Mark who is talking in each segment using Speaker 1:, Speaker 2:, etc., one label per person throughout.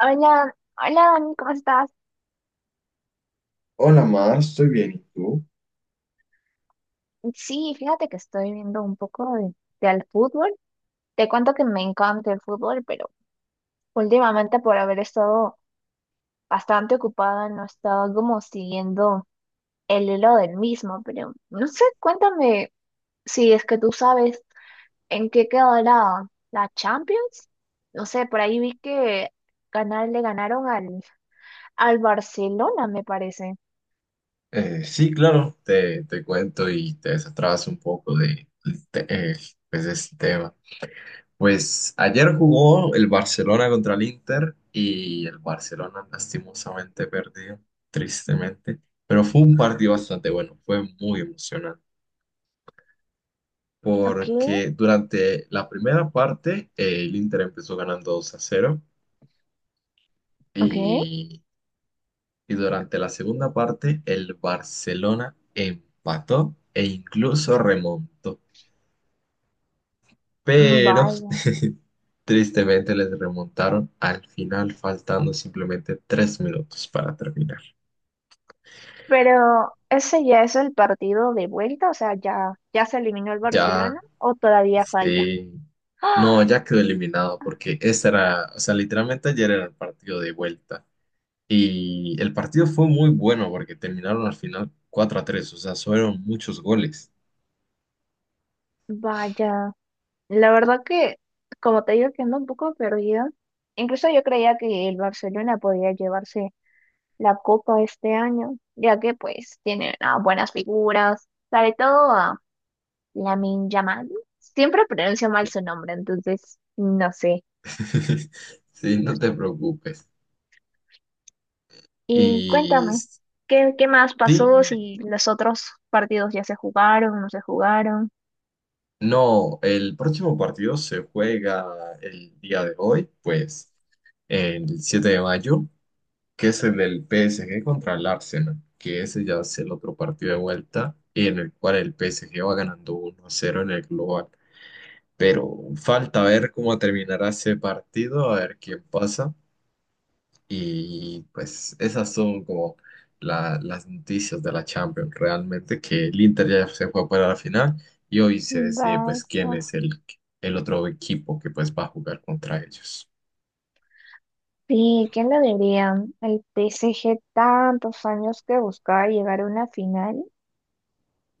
Speaker 1: Hola, hola Dani, ¿cómo estás?
Speaker 2: Hola, Mar, estoy bien. ¿Y tú?
Speaker 1: Sí, fíjate que estoy viendo un poco de al fútbol. Te cuento que me encanta el fútbol, pero últimamente por haber estado bastante ocupada no he estado como siguiendo el hilo del mismo, pero no sé, cuéntame si es que tú sabes en qué quedó la Champions. No sé, por ahí vi que le ganaron al Barcelona, me parece.
Speaker 2: Sí, claro, te cuento y te desatrás un poco de de este tema. Pues ayer jugó el Barcelona contra el Inter y el Barcelona lastimosamente perdió, tristemente. Pero fue un partido bastante bueno, fue muy emocionante.
Speaker 1: Ok,
Speaker 2: Porque durante la primera parte el Inter empezó ganando 2 a cero
Speaker 1: ok,
Speaker 2: y y durante la segunda parte el Barcelona empató e incluso remontó.
Speaker 1: mm,
Speaker 2: Pero
Speaker 1: vale.
Speaker 2: tristemente les remontaron al final, faltando simplemente tres minutos para terminar.
Speaker 1: Pero ese ya es el partido de vuelta, o sea, ya se eliminó el
Speaker 2: Ya,
Speaker 1: Barcelona o todavía falta.
Speaker 2: sí,
Speaker 1: ¡Ah!
Speaker 2: no, ya quedó eliminado porque ese era, o sea, literalmente ayer era el partido de vuelta. Y el partido fue muy bueno porque terminaron al final 4 a tres, o sea, fueron muchos goles.
Speaker 1: Vaya, la verdad que, como te digo, que ando un poco perdida. Incluso yo creía que el Barcelona podía llevarse la copa este año, ya que pues tiene buenas figuras, sobre todo a Lamine Yamal. Siempre pronuncio mal su nombre, entonces no sé.
Speaker 2: Sí, no te preocupes.
Speaker 1: Y
Speaker 2: Y
Speaker 1: cuéntame, ¿qué más pasó
Speaker 2: sí,
Speaker 1: si los otros partidos ya se jugaron, no se jugaron?
Speaker 2: no, el próximo partido se juega el día de hoy, pues el 7 de mayo, que es el del PSG contra el Arsenal, que ese ya es el otro partido de vuelta y en el cual el PSG va ganando uno a cero en el global. Pero falta ver cómo terminará ese partido, a ver quién pasa. Y pues esas son como las noticias de la Champions. Realmente que el Inter ya se fue para la final y hoy se decide
Speaker 1: Vaya.
Speaker 2: pues quién es el otro equipo que pues va a jugar contra ellos.
Speaker 1: Sí, ¿quién lo diría? El P S G tantos años que buscaba llegar a una final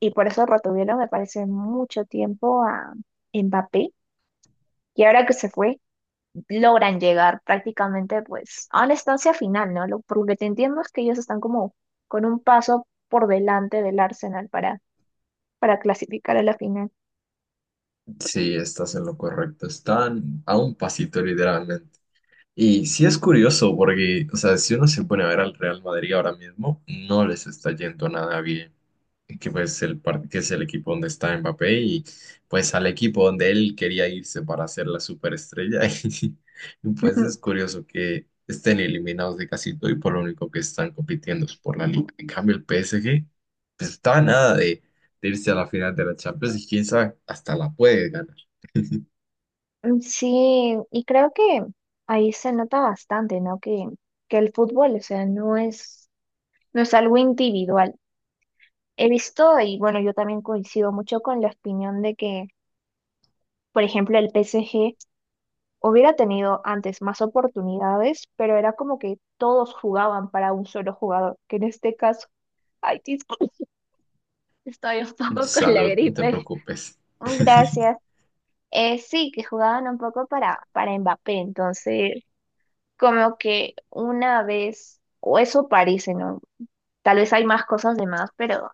Speaker 1: y por eso retuvieron, me parece, mucho tiempo a Mbappé. Y ahora que se fue, logran llegar prácticamente pues a una estancia final, ¿no? Lo, por lo que entiendo es que ellos están como con un paso por delante del Arsenal para clasificar a la final.
Speaker 2: Sí, estás en lo correcto. Están a un pasito literalmente. Y sí es curioso porque, o sea, si uno se pone a ver al Real Madrid ahora mismo, no les está yendo nada bien. Que, pues que es el equipo donde está Mbappé y pues al equipo donde él quería irse para ser la superestrella. Y pues es curioso que estén eliminados de casi todo y por lo único que están compitiendo es por la liga. En cambio el PSG, pues, está a nada de irse a la final de la Champions y quién sabe, hasta la puede ganar.
Speaker 1: Mm, sí, y creo que ahí se nota bastante, ¿no? Que el fútbol, o sea, no es algo individual. He visto, y bueno, yo también coincido mucho con la opinión de que, por ejemplo, el PSG hubiera tenido antes más oportunidades, pero era como que todos jugaban para un solo jugador, que en este caso, ay, disculpe, estoy un poco con la
Speaker 2: Salud, no te
Speaker 1: gripe.
Speaker 2: preocupes.
Speaker 1: Gracias. Sí, que jugaban un poco para Mbappé, entonces, como que una vez, o eso parece, ¿no? Tal vez hay más cosas de más, pero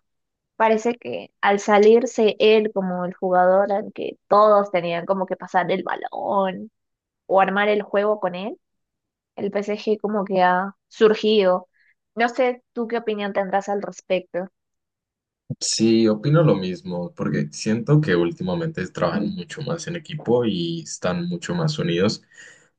Speaker 1: parece que al salirse él como el jugador al que todos tenían como que pasar el balón o armar el juego con él, el P S G como que ha surgido. No sé tú qué opinión tendrás al respecto.
Speaker 2: Sí, opino lo mismo, porque siento que últimamente trabajan mucho más en equipo y están mucho más unidos.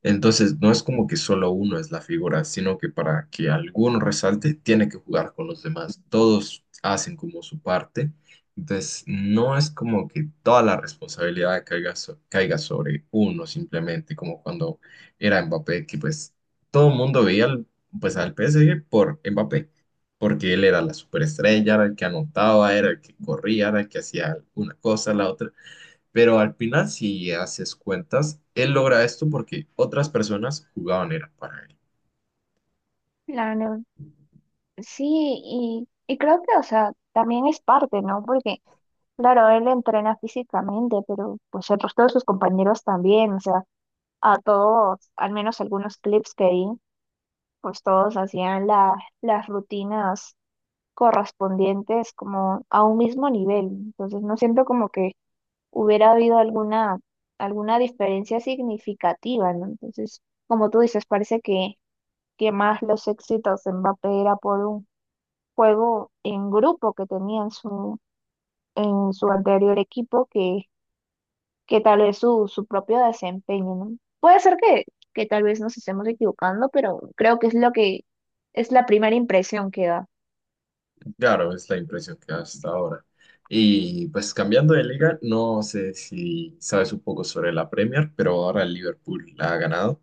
Speaker 2: Entonces, no es como que solo uno es la figura, sino que para que alguno resalte, tiene que jugar con los demás. Todos hacen como su parte. Entonces, no es como que toda la responsabilidad caiga, caiga sobre uno simplemente, como cuando era Mbappé, que pues todo el mundo veía pues, al PSG por Mbappé porque él era la superestrella, era el que anotaba, era el que corría, era el que hacía una cosa, la otra. Pero al final, si haces cuentas, él logra esto porque otras personas jugaban era para él.
Speaker 1: Claro, sí, y creo que, o sea, también es parte, ¿no? Porque, claro, él entrena físicamente, pero pues el resto de sus compañeros también, o sea, a todos, al menos algunos clips que vi, pues todos hacían las rutinas correspondientes como a un mismo nivel. Entonces no siento como que hubiera habido alguna diferencia significativa, ¿no? Entonces, como tú dices, parece que más los éxitos de Mbappé era por un juego en grupo que tenía en en su anterior equipo que tal vez su propio desempeño, ¿no? Puede ser que tal vez nos estemos equivocando, pero creo que es lo que es la primera impresión que da.
Speaker 2: Claro, es la impresión que da hasta ahora. Y pues cambiando de liga, no sé si sabes un poco sobre la Premier, pero ahora el Liverpool la ha ganado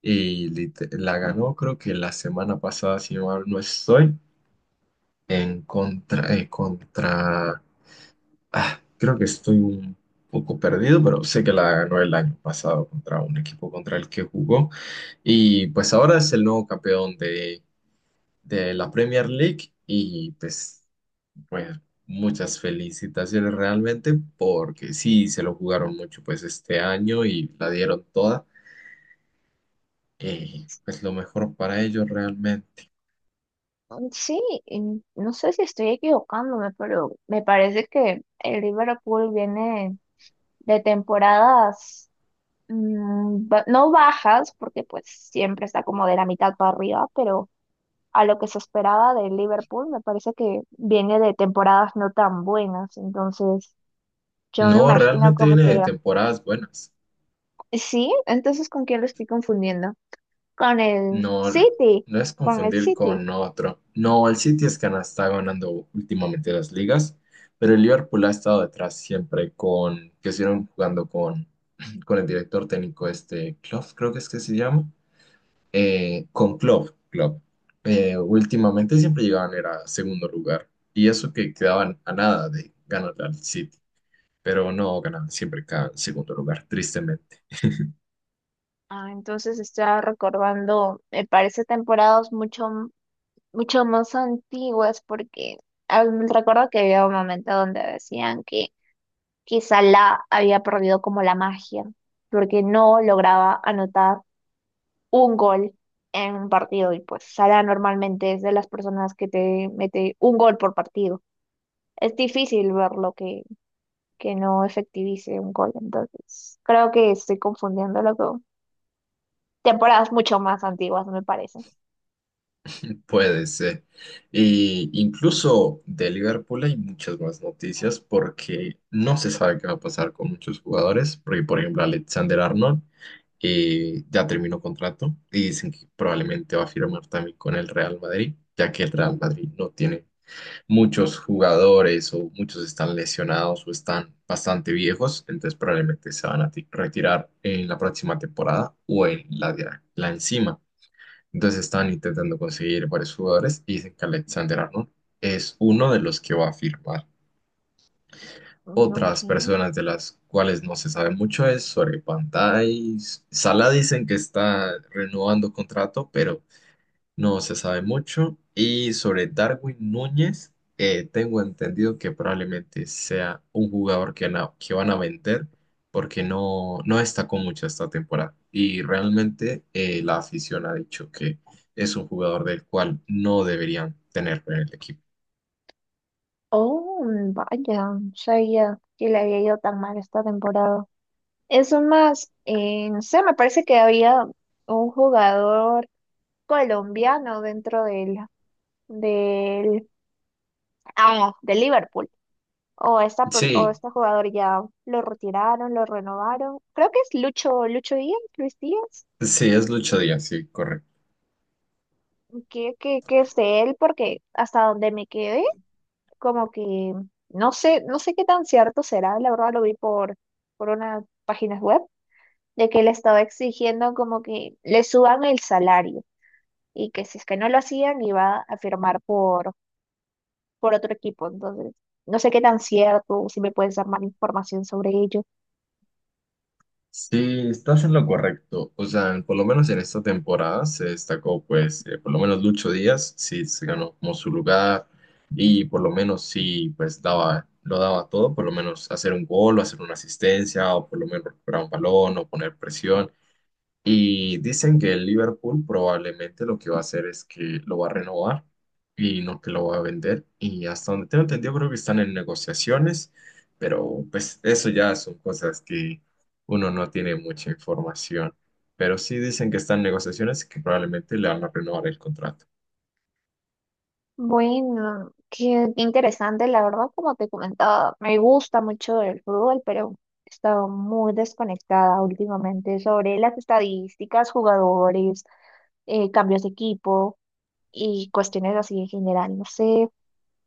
Speaker 2: y la ganó creo que la semana pasada, si mal no estoy, en contra, contra... creo que estoy un poco perdido, pero sé que la ganó el año pasado contra un equipo contra el que jugó. Y pues ahora es el nuevo campeón de la Premier League. Y pues, bueno, muchas felicitaciones realmente, porque sí, se lo jugaron mucho pues este año y la dieron toda. Y pues lo mejor para ellos realmente.
Speaker 1: Mm, sí, y no sé si estoy equivocándome, pero me parece que el Liverpool viene de temporadas no bajas, porque pues siempre está como de la mitad para arriba, pero a lo que se esperaba del Liverpool me parece que viene de temporadas no tan buenas, entonces yo me
Speaker 2: No,
Speaker 1: imagino
Speaker 2: realmente
Speaker 1: como
Speaker 2: viene de
Speaker 1: que
Speaker 2: temporadas buenas.
Speaker 1: sí, entonces ¿con quién lo estoy confundiendo? Con el
Speaker 2: No,
Speaker 1: City,
Speaker 2: no es
Speaker 1: con el
Speaker 2: confundir
Speaker 1: City.
Speaker 2: con otro. No, el City es que no está ganando últimamente las ligas, pero el Liverpool ha estado detrás siempre con, que estuvieron jugando con, con el director técnico este, Klopp, creo que es que se llama, con Klopp. Últimamente siempre llegaban era segundo lugar y eso que quedaban a nada de ganar al City, pero no ganaban, siempre quedaban en segundo lugar, tristemente.
Speaker 1: Ah, entonces estaba recordando, me parece temporadas mucho más antiguas porque ah, recuerdo que había un momento donde decían que quizá la había perdido como la magia porque no lograba anotar un gol en un partido y pues Salah normalmente es de las personas que te mete un gol por partido. Es difícil ver lo que no efectivice un gol. Entonces, creo que estoy confundiéndolo con temporadas mucho más antiguas, me parece.
Speaker 2: Puede ser. Y incluso de Liverpool hay muchas más noticias porque no se sabe qué va a pasar con muchos jugadores, porque por ejemplo Alexander Arnold ya terminó contrato y dicen que probablemente va a firmar también con el Real Madrid, ya que el Real Madrid no tiene muchos jugadores o muchos están lesionados o están bastante viejos, entonces probablemente se van a retirar en la próxima temporada o en la encima. Entonces estaban intentando conseguir varios jugadores y dicen que Alexander Arnold es uno de los que va a firmar.
Speaker 1: Mm,
Speaker 2: Otras
Speaker 1: ok.
Speaker 2: personas de las cuales no se sabe mucho es sobre Pantais. Sala dicen que está renovando contrato, pero no se sabe mucho. Y sobre Darwin Núñez, tengo entendido que probablemente sea un jugador que, que van a vender porque no destacó mucho esta temporada. Y realmente la afición ha dicho que es un jugador del cual no deberían tener en el equipo.
Speaker 1: Oh, vaya, no sabía que le había ido tan mal esta temporada. Eso más, no sé, me parece que había un jugador colombiano dentro del, del Liverpool. O esta, o
Speaker 2: Sí,
Speaker 1: este jugador ya lo retiraron, lo renovaron. Creo que es Lucho, Lucho Díaz, Luis Díaz.
Speaker 2: sí, es Lucho Díaz, sí, correcto.
Speaker 1: Que es él, porque hasta donde me quedé, como que no sé, no sé qué tan cierto será, la verdad lo vi por unas páginas web, de que le estaba exigiendo como que le suban el salario y que si es que no lo hacían iba a firmar por otro equipo. Entonces, no sé qué tan cierto, si me puedes dar más información sobre ello.
Speaker 2: Sí, estás en lo correcto. O sea, por lo menos en esta temporada se destacó, pues, por lo menos Lucho Díaz, sí, se ganó como su lugar y por lo menos sí, pues, daba, lo daba todo, por lo menos hacer un gol o hacer una asistencia o por lo menos recuperar un balón o poner presión. Y dicen que el Liverpool probablemente lo que va a hacer es que lo va a renovar y no que lo va a vender. Y hasta donde tengo entendido, creo que están en negociaciones, pero pues eso ya son cosas que uno no tiene mucha información. Pero sí dicen que están en negociaciones y que probablemente le van a renovar el contrato.
Speaker 1: Bueno, qué interesante, la verdad, como te comentaba, me gusta mucho el fútbol, pero he estado muy desconectada últimamente sobre las estadísticas, jugadores, cambios de equipo y cuestiones así en general. No sé,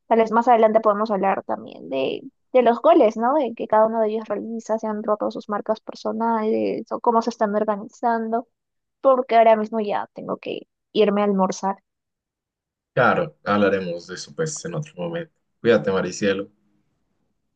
Speaker 1: tal vez más adelante podemos hablar también de los goles, ¿no? De que cada uno de ellos realiza, se han roto sus marcas personales o cómo se están organizando, porque ahora mismo ya tengo que irme a almorzar.
Speaker 2: Claro, hablaremos de eso pues en otro momento. Cuídate, Maricielo.